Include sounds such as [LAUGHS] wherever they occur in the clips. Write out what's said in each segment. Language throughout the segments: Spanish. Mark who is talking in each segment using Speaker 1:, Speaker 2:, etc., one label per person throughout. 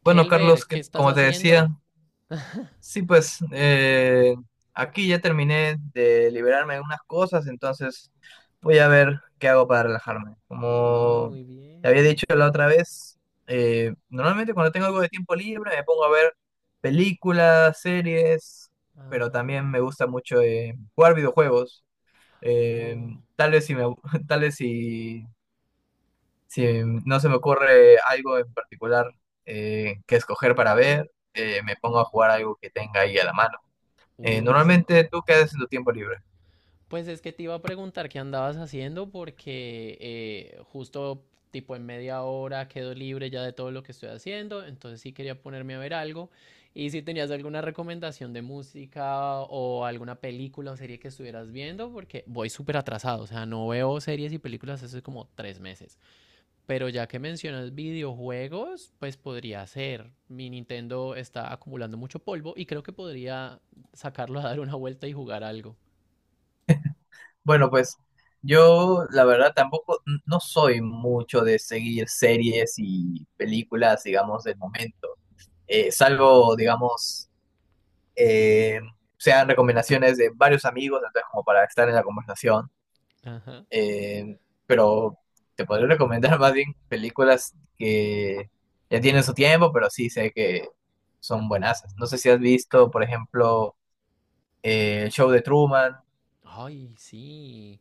Speaker 1: Bueno,
Speaker 2: Kelber,
Speaker 1: Carlos,
Speaker 2: ¿qué estás
Speaker 1: como te decía,
Speaker 2: haciendo?
Speaker 1: sí, pues aquí ya terminé de liberarme de unas cosas, entonces voy a ver qué hago para relajarme.
Speaker 2: Ay,
Speaker 1: Como
Speaker 2: muy
Speaker 1: te había
Speaker 2: bien.
Speaker 1: dicho la otra vez, normalmente cuando tengo algo de tiempo libre me pongo a ver películas, series, pero
Speaker 2: Ajá.
Speaker 1: también me gusta mucho jugar videojuegos. Eh,
Speaker 2: Oh,
Speaker 1: tal vez si me, abu- [LAUGHS] Tal vez si, no se me ocurre algo en particular que escoger para ver, me pongo a jugar algo que tenga ahí a la mano.
Speaker 2: uy, sí.
Speaker 1: Normalmente, ¿tú qué haces en tu tiempo libre?
Speaker 2: Pues es que te iba a preguntar qué andabas haciendo porque justo tipo en media hora quedo libre ya de todo lo que estoy haciendo, entonces sí quería ponerme a ver algo y si tenías alguna recomendación de música o alguna película o serie que estuvieras viendo porque voy súper atrasado, o sea, no veo series y películas hace como tres meses. Pero ya que mencionas videojuegos, pues podría ser. Mi Nintendo está acumulando mucho polvo y creo que podría sacarlo a dar una vuelta y jugar algo.
Speaker 1: Bueno, pues yo la verdad tampoco, no soy mucho de seguir series y películas, digamos, del momento. Salvo, digamos, eh, sean recomendaciones de varios amigos, entonces como para estar en la conversación.
Speaker 2: Ajá.
Speaker 1: eh, pero te podría recomendar más bien películas que ya tienen su tiempo, pero sí sé que son buenas. No sé si has visto, por ejemplo, el show de Truman.
Speaker 2: Ay, sí.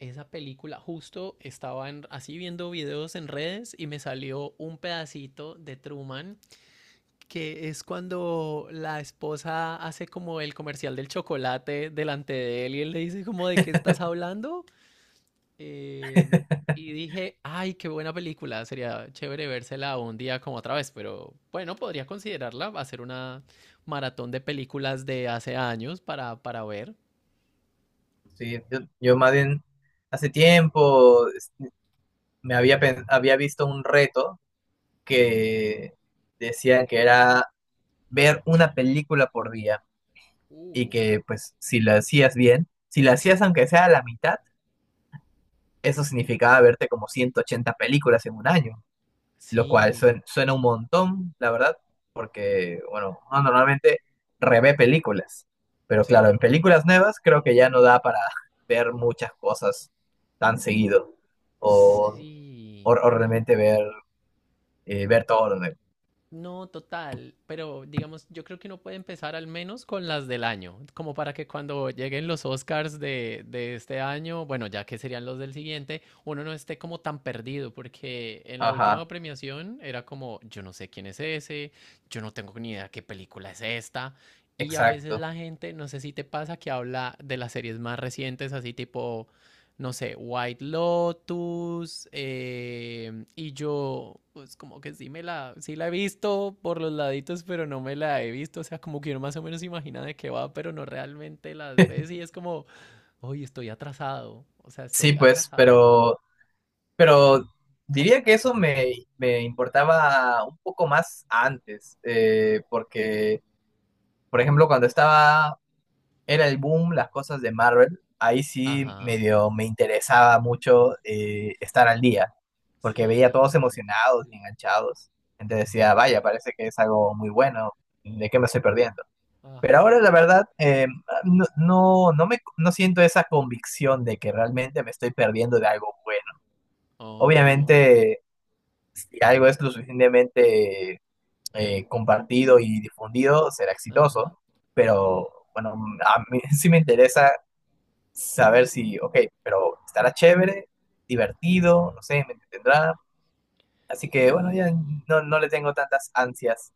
Speaker 2: Esa película, justo estaba así viendo videos en redes y me salió un pedacito de Truman, que es cuando la esposa hace como el comercial del chocolate delante de él y él le dice como de qué estás hablando. Eh,
Speaker 1: [LAUGHS]
Speaker 2: y dije, ay, qué buena película, sería chévere vérsela un día como otra vez, pero bueno, podría considerarla, hacer una maratón de películas de hace años para ver.
Speaker 1: Sí, yo más bien hace tiempo había visto un reto que decían que era ver una película por día y
Speaker 2: Uh,
Speaker 1: que pues si la hacías bien, si la hacías aunque sea a la mitad, eso significaba verte como 180 películas en un año. Lo cual
Speaker 2: Sí,
Speaker 1: suena un montón, la verdad, porque, bueno, uno normalmente revé películas, pero claro,
Speaker 2: sí,
Speaker 1: en películas nuevas creo que ya no da para [LAUGHS] ver muchas cosas tan seguido, o, o,
Speaker 2: sí.
Speaker 1: o realmente ver todo lo nuevo.
Speaker 2: No, total, pero digamos, yo creo que uno puede empezar al menos con las del año, como para que cuando lleguen los Oscars de este año, bueno, ya que serían los del siguiente, uno no esté como tan perdido, porque en la última
Speaker 1: Ajá,
Speaker 2: premiación era como, yo no sé quién es ese, yo no tengo ni idea qué película es esta, y a veces
Speaker 1: exacto.
Speaker 2: la gente, no sé si te pasa, que habla de las series más recientes, así tipo no sé, White Lotus, y yo, pues como que sí me la, sí la he visto por los laditos, pero no me la he visto, o sea, como que uno más o menos imagina de qué va, pero no realmente las ves y es como, hoy estoy atrasado, o sea,
Speaker 1: Sí,
Speaker 2: estoy
Speaker 1: pues,
Speaker 2: atrasado.
Speaker 1: pero diría que eso me importaba un poco más antes, porque, por ejemplo, cuando estaba era el boom, las cosas de Marvel, ahí sí
Speaker 2: Ajá.
Speaker 1: medio me interesaba mucho
Speaker 2: Ay,
Speaker 1: estar
Speaker 2: sí.
Speaker 1: al día, porque veía a todos
Speaker 2: Sí.
Speaker 1: emocionados y enganchados. Entonces decía, vaya, parece que es algo muy bueno, ¿de qué me estoy perdiendo? Pero ahora
Speaker 2: Ajá.
Speaker 1: la verdad, no, no, no siento esa convicción de que realmente me estoy perdiendo de algo bueno.
Speaker 2: Oh,
Speaker 1: Obviamente, si algo es lo suficientemente compartido y difundido, será exitoso,
Speaker 2: ajá.
Speaker 1: pero bueno, a mí [LAUGHS] sí me interesa saber si, ok, pero estará chévere, divertido, no sé, me entretendrá. Así que bueno, ya
Speaker 2: Sí.
Speaker 1: no le tengo tantas ansias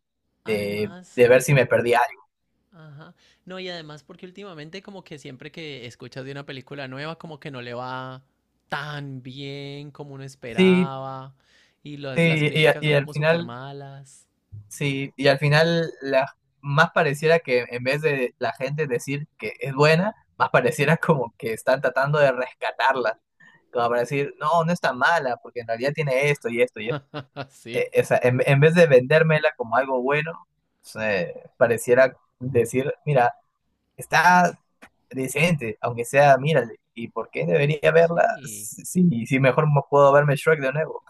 Speaker 1: de,
Speaker 2: Además,
Speaker 1: de ver si me perdí algo.
Speaker 2: ajá. No, y además porque últimamente como que siempre que escuchas de una película nueva como que no le va tan bien como uno
Speaker 1: Sí,
Speaker 2: esperaba y las
Speaker 1: sí, y, a-
Speaker 2: críticas
Speaker 1: y
Speaker 2: son
Speaker 1: al
Speaker 2: como súper
Speaker 1: final,
Speaker 2: malas.
Speaker 1: sí, más pareciera que en vez de la gente decir que es buena, más pareciera como que están tratando de rescatarla, como para decir, no, no está mala, porque en realidad tiene esto y esto y esto.
Speaker 2: [LAUGHS] Así.
Speaker 1: O sea, en vez de vendérmela como algo bueno, pareciera decir, mira, está decente, aunque sea, mírale, ¿y por qué debería verla?
Speaker 2: Sí.
Speaker 1: Si mejor puedo verme Shrek de nuevo.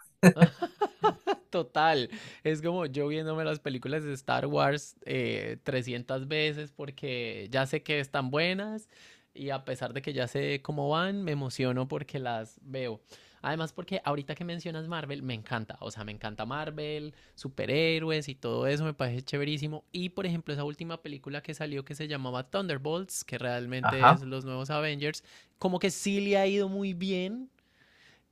Speaker 2: [LAUGHS] Total. Es como yo viéndome las películas de Star Wars 300 veces porque ya sé que están buenas y a pesar de que ya sé cómo van, me emociono porque las veo. Además, porque ahorita que mencionas Marvel, me encanta. O sea, me encanta Marvel, superhéroes y todo eso, me parece chéverísimo. Y por ejemplo, esa última película que salió que se llamaba Thunderbolts, que realmente
Speaker 1: Ajá.
Speaker 2: es los nuevos Avengers, como que sí le ha ido muy bien,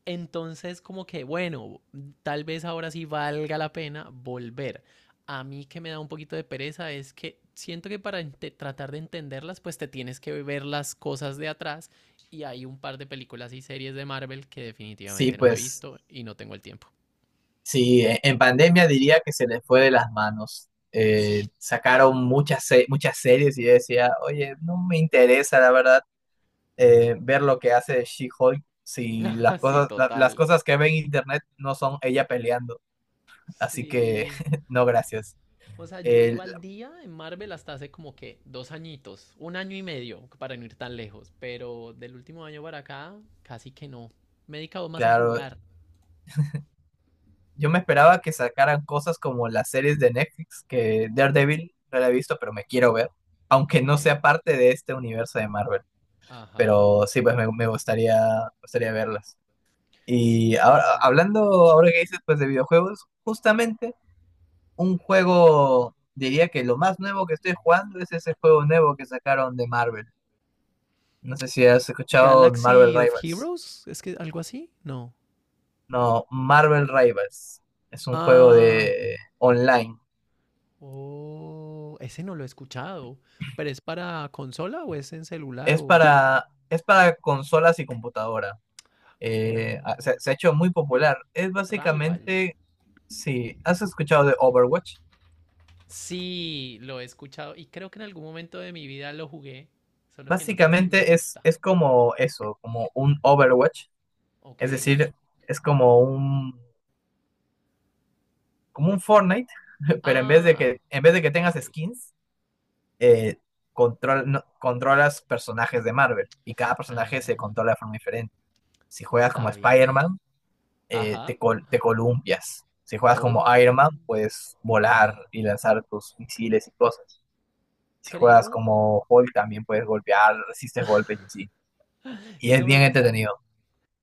Speaker 2: entonces, como que, bueno, tal vez ahora sí valga la pena volver. A mí que me da un poquito de pereza es que siento que para tratar de entenderlas, pues te tienes que ver las cosas de atrás y hay un par de películas y series de Marvel que
Speaker 1: Sí,
Speaker 2: definitivamente no me he
Speaker 1: pues,
Speaker 2: visto y no tengo el tiempo.
Speaker 1: sí, en pandemia diría que se les fue de las manos.
Speaker 2: Así, total.
Speaker 1: Sacaron muchas series y yo decía, oye, no me interesa, la verdad, ver lo que hace She-Hulk si
Speaker 2: [LAUGHS] Así,
Speaker 1: las
Speaker 2: total.
Speaker 1: cosas que ve en internet no son ella peleando. Así que
Speaker 2: Sí.
Speaker 1: [LAUGHS] no, gracias.
Speaker 2: O sea, yo
Speaker 1: El-
Speaker 2: iba al día en Marvel hasta hace como que dos añitos, un año y medio, para no ir tan lejos, pero del último año para acá, casi que no. Me he dedicado más a
Speaker 1: claro,
Speaker 2: jugar.
Speaker 1: yo me esperaba que sacaran cosas como las series de Netflix, que Daredevil no la he visto, pero me quiero ver, aunque
Speaker 2: Ok.
Speaker 1: no sea parte de este universo de Marvel.
Speaker 2: Ajá.
Speaker 1: Pero sí, pues me gustaría verlas. Y ahora,
Speaker 2: Sí.
Speaker 1: hablando Ahora que dices pues de videojuegos, justamente un juego, diría que lo más nuevo que estoy jugando es ese juego nuevo que sacaron de Marvel. No sé si has escuchado Marvel
Speaker 2: Galaxy of
Speaker 1: Rivals.
Speaker 2: Heroes, es que algo así, no.
Speaker 1: No, Marvel Rivals. Es un juego
Speaker 2: Ah,
Speaker 1: de online.
Speaker 2: oh, ese no lo he escuchado, pero es para consola o es en celular
Speaker 1: Es
Speaker 2: o...
Speaker 1: para, es para consolas y computadora. Eh, ah, se,
Speaker 2: Oh,
Speaker 1: se ha hecho muy popular. Es
Speaker 2: Rivals.
Speaker 1: básicamente, si has escuchado de Overwatch,
Speaker 2: Sí, lo he escuchado y creo que en algún momento de mi vida lo jugué, solo que no sé si me
Speaker 1: básicamente es,
Speaker 2: gusta.
Speaker 1: es como eso, como un Overwatch.
Speaker 2: Ok.
Speaker 1: Es decir, es como un Fortnite, [LAUGHS] pero en vez de
Speaker 2: Ah,
Speaker 1: que, en vez de que tengas
Speaker 2: ok.
Speaker 1: skins, eh, control, no- controlas personajes de Marvel y cada personaje se
Speaker 2: Ah,
Speaker 1: controla de forma diferente. Si juegas como
Speaker 2: está bien.
Speaker 1: Spider-Man,
Speaker 2: Ajá.
Speaker 1: te columpias. Si juegas como
Speaker 2: Oh,
Speaker 1: Iron Man, puedes volar y lanzar tus misiles y cosas. Si juegas
Speaker 2: creo.
Speaker 1: como Hulk, también puedes golpear, resistes golpes y así. Y es
Speaker 2: Eso me
Speaker 1: bien
Speaker 2: gusta.
Speaker 1: entretenido.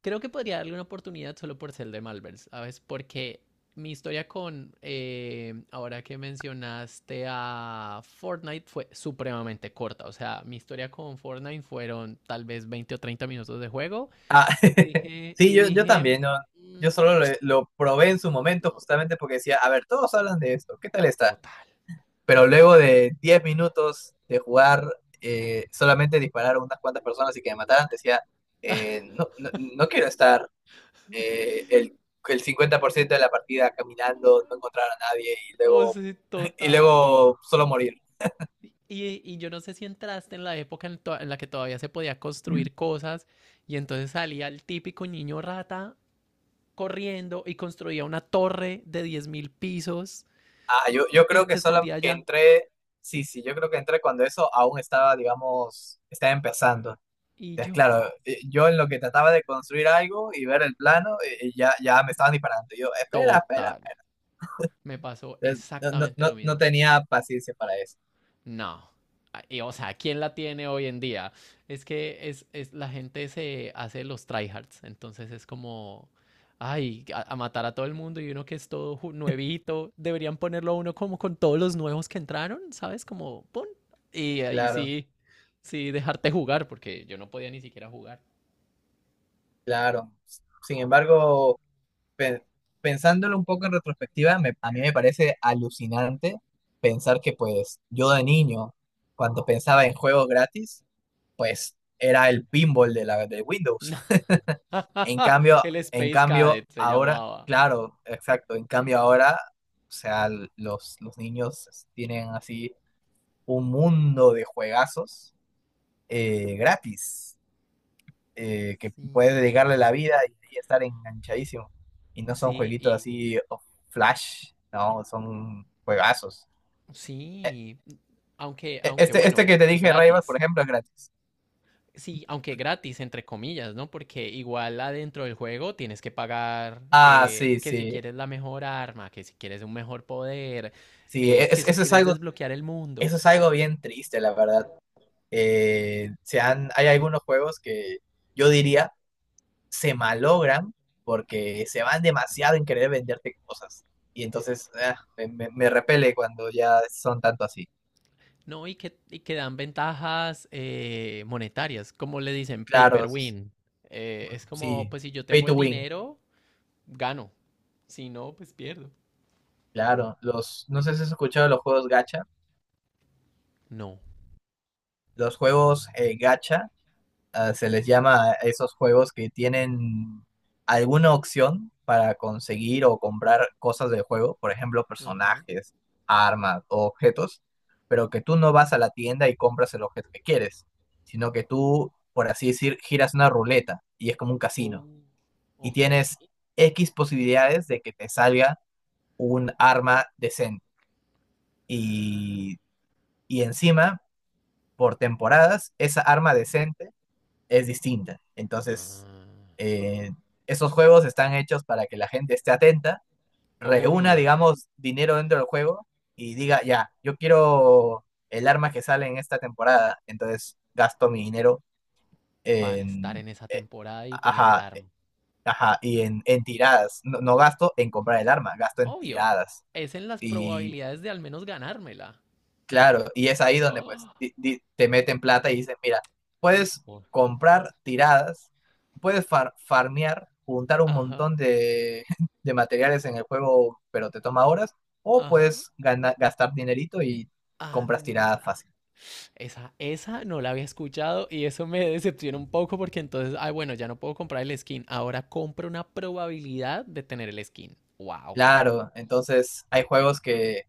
Speaker 2: Creo que podría darle una oportunidad solo por ser de Malvers, ¿sabes? Porque mi historia con, ahora que mencionaste a Fortnite, fue supremamente corta. O sea, mi historia con Fortnite fueron tal vez 20 o 30 minutos de juego.
Speaker 1: Ah,
Speaker 2: Y
Speaker 1: [LAUGHS]
Speaker 2: dije,
Speaker 1: sí,
Speaker 2: y
Speaker 1: yo
Speaker 2: dije,
Speaker 1: también, ¿no? Yo
Speaker 2: "Mm,
Speaker 1: solo lo probé en su momento
Speaker 2: no,
Speaker 1: justamente porque decía, a ver, todos hablan de esto, ¿qué tal está?
Speaker 2: total.
Speaker 1: Pero luego de 10 minutos de jugar, solamente disparar a unas cuantas personas y que me mataran, decía, no, no, no quiero estar eh, el, el 50% de la partida caminando, no encontrar a nadie y
Speaker 2: O
Speaker 1: luego,
Speaker 2: sea,
Speaker 1: y
Speaker 2: total.
Speaker 1: luego solo morir.
Speaker 2: Y yo no sé si entraste en la época en la que todavía se podía construir cosas y entonces salía el típico niño rata corriendo y construía una torre de 10.000 pisos
Speaker 1: Ah, yo
Speaker 2: y
Speaker 1: creo
Speaker 2: se
Speaker 1: que solo
Speaker 2: escondía
Speaker 1: que
Speaker 2: allá.
Speaker 1: entré, sí, sí, yo creo que entré cuando eso aún estaba, digamos, estaba empezando.
Speaker 2: Y
Speaker 1: Entonces,
Speaker 2: yo,
Speaker 1: claro, yo en lo que trataba de construir algo y ver el plano, ya me estaban disparando. Yo, espera, espera,
Speaker 2: total,
Speaker 1: espera.
Speaker 2: me pasó
Speaker 1: Entonces, no, no,
Speaker 2: exactamente
Speaker 1: no,
Speaker 2: lo
Speaker 1: no
Speaker 2: mismo.
Speaker 1: tenía paciencia para eso.
Speaker 2: No. Ah, y, o sea, ¿quién la tiene hoy en día? Es que la gente se hace los tryhards, entonces es como, ay, a matar a todo el mundo y uno que es todo nuevito, deberían ponerlo a uno como con todos los nuevos que entraron, ¿sabes? Como, pon. Y ahí
Speaker 1: Claro,
Speaker 2: sí, sí, dejarte jugar, porque yo no podía ni siquiera jugar.
Speaker 1: claro. Sin embargo, pe- pensándolo un poco en retrospectiva, a mí me parece alucinante pensar que pues yo de niño, cuando pensaba en juegos gratis, pues era el pinball de la de Windows. En
Speaker 2: [LAUGHS]
Speaker 1: cambio,
Speaker 2: El
Speaker 1: en
Speaker 2: Space
Speaker 1: cambio
Speaker 2: Cadet se
Speaker 1: ahora,
Speaker 2: llamaba.
Speaker 1: claro, exacto, en cambio ahora, o sea, los niños tienen así un mundo de juegazos gratis que
Speaker 2: Sí.
Speaker 1: puedes dedicarle la vida y estar enganchadísimo. Y no son
Speaker 2: Sí,
Speaker 1: jueguitos
Speaker 2: y
Speaker 1: así oh, flash, no, son juegazos. E-
Speaker 2: sí, aunque,
Speaker 1: e-
Speaker 2: aunque
Speaker 1: Este, este
Speaker 2: bueno,
Speaker 1: que te dije, Rayman, por
Speaker 2: gratis.
Speaker 1: ejemplo, es gratis.
Speaker 2: Sí, aunque gratis, entre comillas, ¿no? Porque igual adentro del juego tienes que pagar,
Speaker 1: Ah, sí,
Speaker 2: que si
Speaker 1: sí,
Speaker 2: quieres la mejor arma, que si quieres un mejor poder,
Speaker 1: sí,
Speaker 2: que si quieres desbloquear el mundo,
Speaker 1: eso es algo bien triste, la verdad. Hay algunos juegos que yo diría se malogran porque se van demasiado en querer venderte cosas. Y entonces me repele cuando ya son tanto así.
Speaker 2: ¿no? Y que dan ventajas, monetarias, como le dicen, paper
Speaker 1: Claro,
Speaker 2: win. Es como,
Speaker 1: sí,
Speaker 2: pues si yo
Speaker 1: pay
Speaker 2: tengo
Speaker 1: to
Speaker 2: el
Speaker 1: win,
Speaker 2: dinero, gano. Si no, pues pierdo.
Speaker 1: claro. No sé si has escuchado los juegos gacha.
Speaker 2: No.
Speaker 1: Los juegos gacha se les llama a esos juegos que tienen alguna opción para conseguir o comprar cosas del juego, por ejemplo,
Speaker 2: Ajá.
Speaker 1: personajes,
Speaker 2: O-
Speaker 1: armas o objetos, pero que tú no vas a la tienda y compras el objeto que quieres, sino que tú, por así decir, giras una ruleta y es como un
Speaker 2: oh,
Speaker 1: casino y
Speaker 2: ok.
Speaker 1: tienes X posibilidades de que te salga un arma decente
Speaker 2: Ah,
Speaker 1: y y encima, por temporadas, esa arma decente es distinta. Entonces,
Speaker 2: ah,
Speaker 1: eh, esos juegos están hechos para que la gente esté atenta, reúna,
Speaker 2: obvio.
Speaker 1: digamos, dinero dentro del juego y diga, ya, yo quiero el arma que sale en esta temporada, entonces gasto mi dinero
Speaker 2: Para estar
Speaker 1: en...
Speaker 2: en esa temporada y tener el
Speaker 1: Ajá,
Speaker 2: arma.
Speaker 1: ajá, y en tiradas. No, no gasto en comprar el arma, gasto en
Speaker 2: Obvio,
Speaker 1: tiradas.
Speaker 2: es en las
Speaker 1: Y
Speaker 2: probabilidades de al menos ganármela.
Speaker 1: claro, y es ahí donde pues
Speaker 2: Ah,
Speaker 1: te meten plata y dicen, mira, puedes
Speaker 2: por-
Speaker 1: comprar tiradas, puedes farmear, juntar un
Speaker 2: ajá,
Speaker 1: montón [LAUGHS] de materiales en el juego, pero te toma horas, o
Speaker 2: ajá,
Speaker 1: puedes gastar dinerito y compras tiradas
Speaker 2: anda.
Speaker 1: fácil.
Speaker 2: Esa no la había escuchado y eso me decepciona un poco porque entonces, ay, bueno, ya no puedo comprar el skin. Ahora compro una probabilidad de tener el skin. Wow.
Speaker 1: Claro, entonces hay juegos que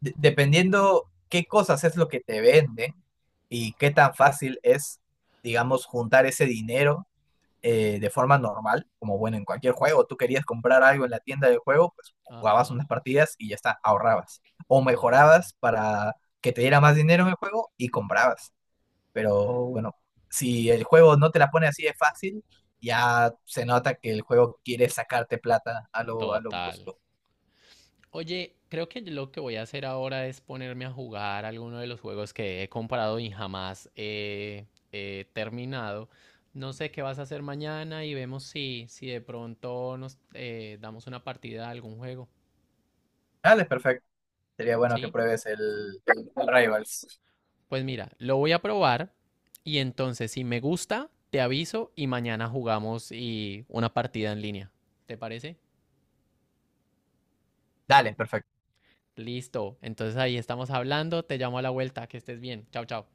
Speaker 1: dependiendo qué cosas es lo que te venden y qué tan fácil es, digamos, juntar ese dinero de forma normal, como bueno, en cualquier juego, tú querías comprar algo en la tienda del juego, pues jugabas
Speaker 2: Ajá.
Speaker 1: unas partidas y ya está, ahorrabas. O
Speaker 2: Wow.
Speaker 1: mejorabas para que te diera más dinero en el juego y comprabas. Pero bueno, si el juego no te la pone así de fácil, ya se nota que el juego quiere sacarte plata a lo
Speaker 2: Total.
Speaker 1: brusco.
Speaker 2: Oye, creo que lo que voy a hacer ahora es ponerme a jugar alguno de los juegos que he comprado y jamás he terminado. No sé qué vas a hacer mañana y vemos si, si de pronto nos damos una partida a algún juego.
Speaker 1: Dale, perfecto. Sería bueno que
Speaker 2: ¿Sí?
Speaker 1: pruebes el Rivals.
Speaker 2: Pues mira, lo voy a probar y entonces si me gusta, te aviso y mañana jugamos y una partida en línea. ¿Te parece?
Speaker 1: Dale, perfecto.
Speaker 2: Listo. Entonces ahí estamos hablando. Te llamo a la vuelta. Que estés bien. Chao, chao.